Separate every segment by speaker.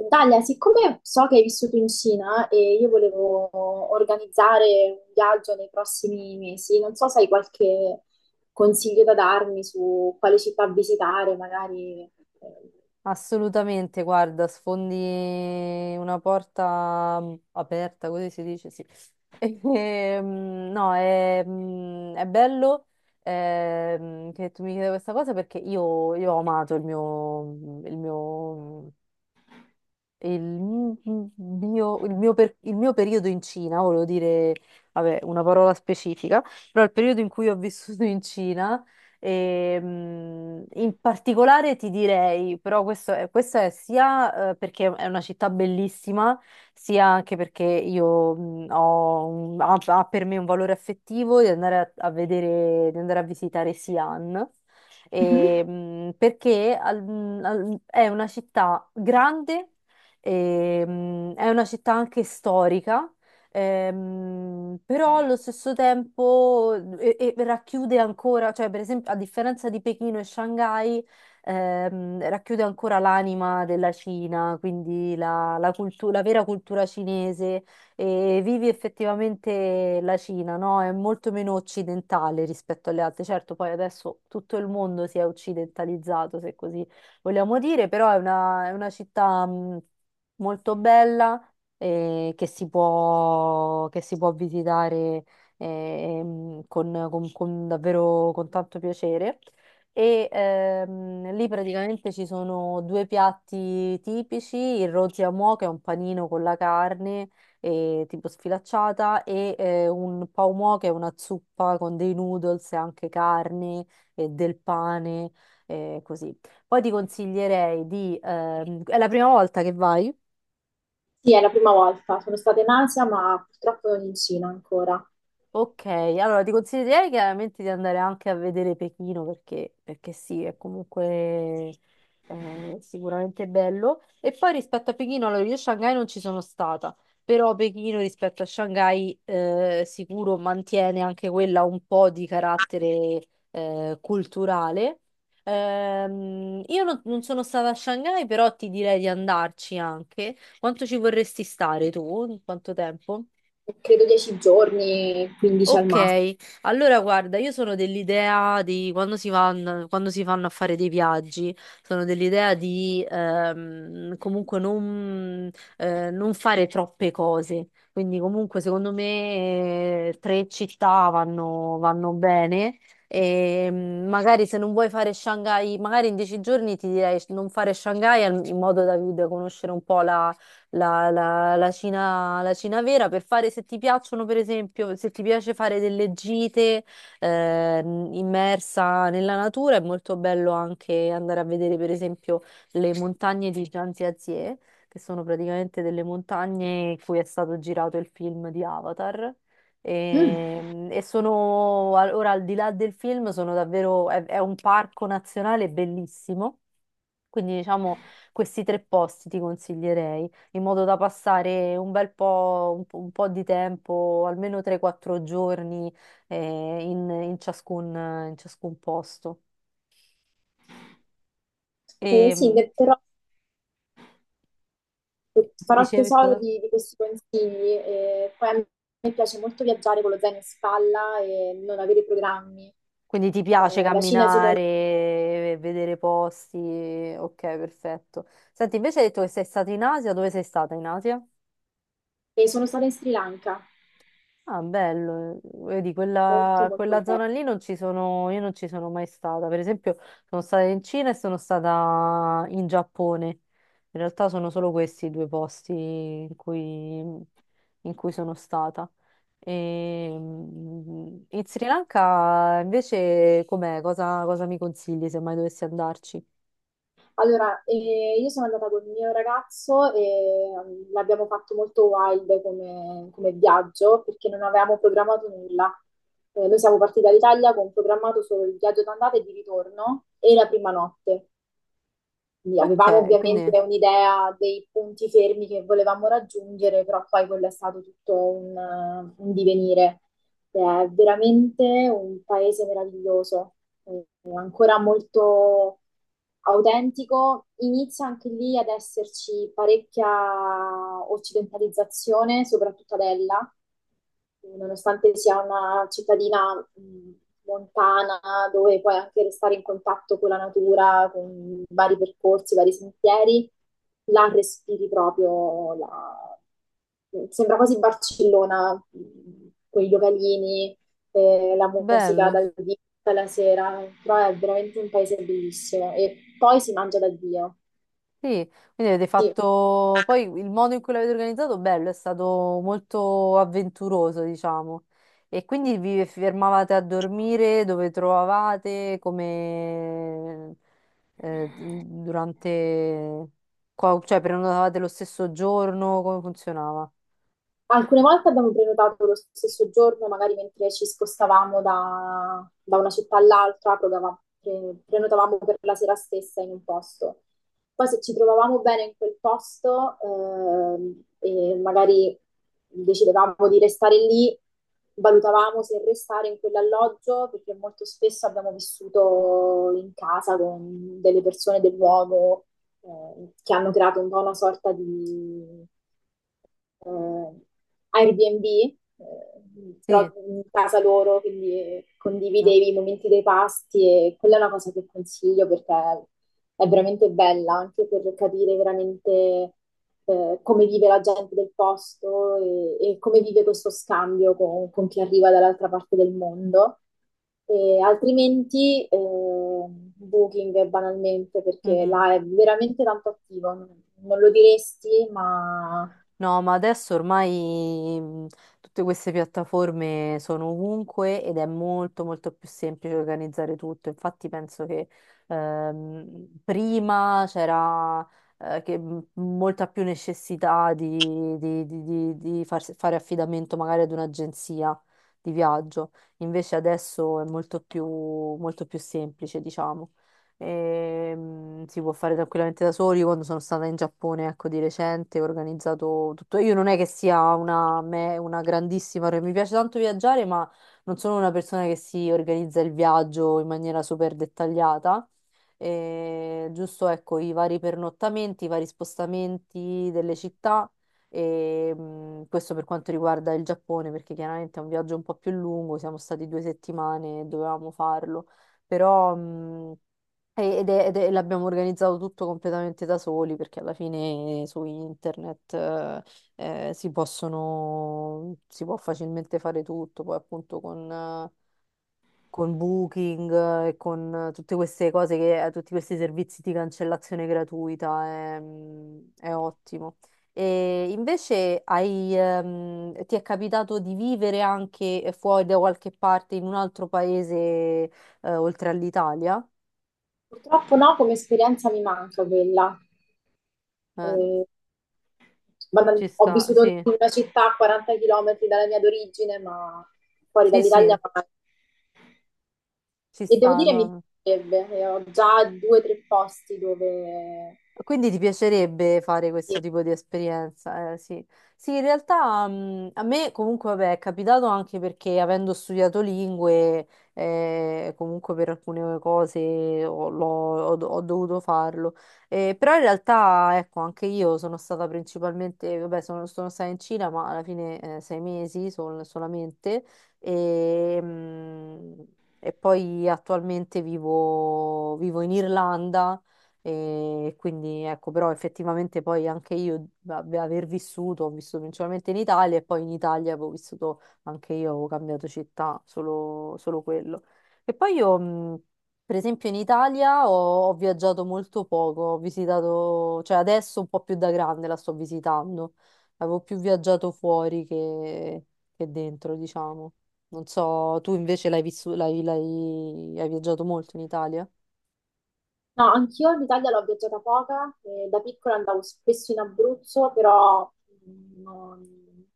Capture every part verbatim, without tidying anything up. Speaker 1: Dalia, siccome so che hai vissuto in Cina e io volevo organizzare un viaggio nei prossimi mesi, non so se hai qualche consiglio da darmi su quale città visitare, magari. eh,
Speaker 2: Assolutamente, guarda, sfondi una porta mm, aperta, così si dice, sì. E, mm, no, è, mm, è bello ehm, che tu mi chieda questa cosa perché io, io ho amato il mio, il mio il mi- mio, il mio per- il mio periodo in Cina, volevo dire, vabbè, una parola specifica, però il periodo in cui ho vissuto in Cina, ehm, in particolare ti direi, però questo è, questa è sia eh, perché è una città bellissima, sia anche perché io mh, ho un- ha, ha per me un valore affettivo di andare a, a vedere, di andare a visitare Xi'an.
Speaker 1: Mhm.
Speaker 2: E, mh, perché al- mh, al- è una città grande. Ehm, è una città anche storica, ehm, però allo stesso tempo e- e racchiude ancora, cioè per esempio a differenza di Pechino e Shanghai, ehm, racchiude ancora l'anima della Cina, quindi la, la cultu- la vera cultura cinese e vivi effettivamente la Cina, no? È molto meno occidentale rispetto alle altre. Certo, poi adesso tutto il mondo si è occidentalizzato, se così vogliamo dire, però è una, è una città... mh, molto bella eh, che si può, che si può visitare ehm, con, con- con davvero con tanto piacere. E ehm, lì praticamente ci sono due piatti tipici, il roziamò, che è un panino con la carne eh, tipo sfilacciata, e eh, un pau mo, che è una zuppa con dei noodles e anche carne e del pane, eh, così. Poi ti consiglierei di... ehm, è la prima volta che vai?
Speaker 1: Sì, è la prima volta. Sono stata in Asia, ma purtroppo non in Cina ancora.
Speaker 2: Ok, allora ti consiglierei chiaramente di andare anche a vedere Pechino perché, perché sì, è comunque eh, sicuramente bello. E poi rispetto a Pechino, allora io a Shanghai non ci sono stata, però Pechino rispetto a Shanghai eh, sicuro mantiene anche quella un po' di carattere eh, culturale. Ehm, io non, non sono stata a Shanghai, però ti direi di andarci anche. Quanto ci vorresti stare tu? Quanto tempo?
Speaker 1: Credo dieci giorni, quindici al massimo.
Speaker 2: Ok, allora guarda, io sono dell'idea di quando si vanno, quando si fanno a fare dei viaggi, sono dell'idea di ehm, comunque non, eh, non fare troppe cose. Quindi comunque secondo me eh, tre città vanno, vanno bene e mm, magari se non vuoi fare Shanghai, magari in dieci giorni ti direi non fare Shanghai al- in modo da, da conoscere un po' la, la- la Cina, la Cina vera per fare, se ti piacciono, per esempio, se ti piace fare delle gite eh, immersa nella natura. È molto bello anche andare a vedere, per esempio, le montagne di Zhangjiakou, che sono praticamente delle montagne in cui è stato girato il film di Avatar.
Speaker 1: Mm.
Speaker 2: E, e sono al- ora al di là del film, sono davvero, è, è un parco nazionale bellissimo, quindi diciamo questi tre posti ti consiglierei, in modo da passare un bel po', un po', un po' di tempo, almeno tre quattro giorni eh, in, in ciascun, in ciascun posto.
Speaker 1: Eh,
Speaker 2: E
Speaker 1: sì,
Speaker 2: mh,
Speaker 1: ne- però farò
Speaker 2: dicevi,
Speaker 1: tesoro
Speaker 2: scusa?
Speaker 1: di, di questi consigli. E poi a me piace molto viaggiare con lo zaino in spalla e non avere programmi.
Speaker 2: Quindi ti piace
Speaker 1: Eh, la Cina, secondo
Speaker 2: camminare, vedere posti, ok, perfetto. Senti, invece hai detto che sei stata in Asia, dove sei stata in Asia?
Speaker 1: me, sono stata in Sri Lanka,
Speaker 2: Ah, bello, eh, vedi,
Speaker 1: molto
Speaker 2: quella,
Speaker 1: molto
Speaker 2: quella
Speaker 1: bene.
Speaker 2: zona lì non ci sono, io non ci sono mai stata. Per esempio, sono stata in Cina e sono stata in Giappone. In realtà sono solo questi i due posti in cui, in cui sono stata. E, mm, in Sri Lanka invece com'è? Cosa, cosa mi consigli se mai dovessi andarci?
Speaker 1: Allora, eh, io sono andata con il mio ragazzo e mm, l'abbiamo fatto molto wild come, come viaggio perché non avevamo programmato nulla. Eh, noi siamo partiti dall'Italia con programmato solo il viaggio d'andata e di ritorno e la prima notte. Quindi
Speaker 2: Ok,
Speaker 1: avevamo
Speaker 2: quindi
Speaker 1: ovviamente un'idea dei punti fermi che volevamo raggiungere, però poi quello è stato tutto un, eh, un divenire. È veramente un paese meraviglioso, eh, ancora molto autentico. Inizia anche lì ad esserci parecchia occidentalizzazione, soprattutto ad Ella, nonostante sia una cittadina mh, montana, dove puoi anche restare in contatto con la natura, con vari percorsi, vari sentieri, là respiri proprio la- Sembra quasi Barcellona, mh, con i localini, eh, la musica
Speaker 2: bello.
Speaker 1: dal vivo alla sera, però è veramente un paese bellissimo e poi si mangia da Dio.
Speaker 2: Sì, quindi avete
Speaker 1: Sì.
Speaker 2: fatto poi il modo in cui l'avete organizzato, bello, è stato molto avventuroso, diciamo. E quindi vi fermavate a dormire dove trovavate, come eh, durante, qua- cioè prenotavate lo stesso giorno, come funzionava?
Speaker 1: Alcune volte abbiamo prenotato lo stesso giorno, magari mentre ci spostavamo da, da una città all'altra, prenotavamo pre- prenotavamo per la sera stessa in un posto. Poi se ci trovavamo bene in quel posto, ehm, e magari decidevamo di restare lì, valutavamo se restare in quell'alloggio, perché molto spesso abbiamo vissuto in casa con delle persone del luogo eh, che hanno creato un po' una sorta di eh, Airbnb, eh, però
Speaker 2: Sì.
Speaker 1: in casa loro, quindi condividevi i momenti dei pasti e quella è una cosa che consiglio perché è veramente bella anche per capire veramente eh, come vive la gente del posto e, e come vive questo scambio con, con chi arriva dall'altra parte del mondo. E altrimenti eh, Booking banalmente perché
Speaker 2: Mhm.
Speaker 1: là è veramente tanto attivo, non non lo diresti, ma
Speaker 2: No, ma adesso ormai mh, tutte queste piattaforme sono ovunque ed è molto molto più semplice organizzare tutto. Infatti penso che ehm, prima c'era eh, che mh, molta più necessità di, di- di- di- di farsi- fare affidamento magari ad un'agenzia di viaggio. Invece adesso è molto più, molto più semplice, diciamo. Ehm, si può fare tranquillamente da soli. Io quando sono stata in Giappone, ecco, di recente, ho organizzato tutto. Io non è che sia una, me- una grandissima, mi piace tanto viaggiare, ma non sono una persona che si organizza il viaggio in maniera super dettagliata. Eh, giusto, ecco, i vari pernottamenti, i vari spostamenti delle città. E, mh, questo per quanto riguarda il Giappone, perché chiaramente è un viaggio un po' più lungo, siamo stati due settimane e dovevamo farlo, però. Mh, e- Ed è- ed è- l'abbiamo organizzato tutto completamente da soli, perché alla fine eh, su internet eh, eh, si possono, si può facilmente fare tutto, poi appunto con, eh, con Booking eh, e con eh, tutte queste cose che, eh, tutti questi servizi di cancellazione gratuita è, mm, è ottimo. E invece hai, ehm, ti è capitato di vivere anche fuori da qualche parte in un altro paese eh, oltre all'Italia?
Speaker 1: purtroppo no, come esperienza mi manca quella.
Speaker 2: Eh,
Speaker 1: Eh, banal-
Speaker 2: Ci
Speaker 1: ho
Speaker 2: sta,
Speaker 1: vissuto
Speaker 2: sì,
Speaker 1: in una città a quaranta chilometri dalla mia d'origine, ma fuori
Speaker 2: sì, sì,
Speaker 1: dall'Italia mai.
Speaker 2: ci
Speaker 1: E devo
Speaker 2: sta,
Speaker 1: dire mi
Speaker 2: no?
Speaker 1: piacerebbe, e ho già due o tre posti dove...
Speaker 2: Quindi ti piacerebbe fare questo tipo di esperienza? Eh, sì. Sì, in realtà mh, a me comunque vabbè, è capitato anche perché avendo studiato lingue, eh, comunque per alcune cose ho, l'ho- ho do- ho dovuto farlo. Eh, però in realtà, ecco, anche io sono stata principalmente, vabbè, sono, sono stata in Cina, ma alla fine eh, sei mesi sol- solamente. E, mh, e poi attualmente vivo vivo in Irlanda e quindi ecco, però effettivamente poi anche io a- aver vissuto, ho vissuto principalmente in Italia e poi in Italia avevo vissuto anche io, avevo cambiato città, solo, solo quello. E poi io, mh, per esempio, in Italia ho, ho viaggiato molto poco, ho visitato, cioè adesso un po' più da grande la sto visitando, avevo più viaggiato fuori che, che dentro, diciamo. Non so, tu invece l'hai vissu- l'hai, l'hai- hai viaggiato molto in Italia?
Speaker 1: No, anch'io l'Italia l'ho viaggiata poca, e da piccola andavo spesso in Abruzzo, però mh, non-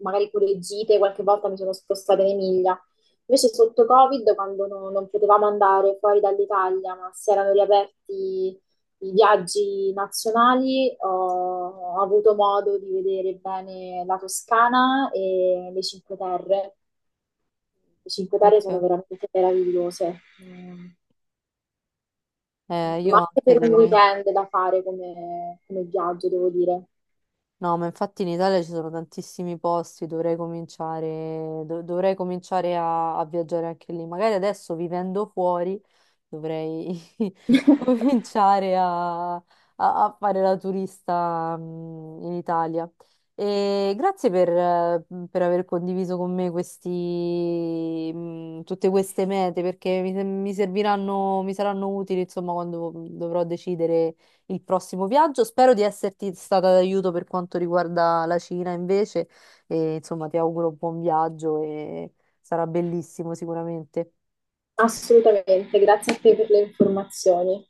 Speaker 1: magari pure gite, qualche volta mi sono spostata in Emilia. Invece sotto Covid, quando no- non potevamo andare fuori dall'Italia, ma si erano riaperti i viaggi nazionali, ho, ho avuto modo di vedere bene la Toscana e le Cinque Terre. Le Cinque Terre sono
Speaker 2: Ok.
Speaker 1: veramente meravigliose, ehm,
Speaker 2: Eh, io
Speaker 1: ma anche
Speaker 2: anche
Speaker 1: per un
Speaker 2: dovrei.
Speaker 1: weekend da fare come, come viaggio, devo dire.
Speaker 2: No, ma infatti in Italia ci sono tantissimi posti, dovrei cominciare, do- dovrei cominciare a, a viaggiare anche lì. Magari adesso vivendo fuori dovrei cominciare a, a- a fare la turista mm, in Italia. E grazie per, eh, per aver condiviso con me questi, mm, tutte queste mete, perché mi, mi serviranno, mi saranno utili, insomma, quando dovrò decidere il prossimo viaggio. Spero di esserti stata d'aiuto per quanto riguarda la Cina invece, e insomma ti auguro un buon viaggio e sarà bellissimo sicuramente.
Speaker 1: Assolutamente, grazie a te per le informazioni.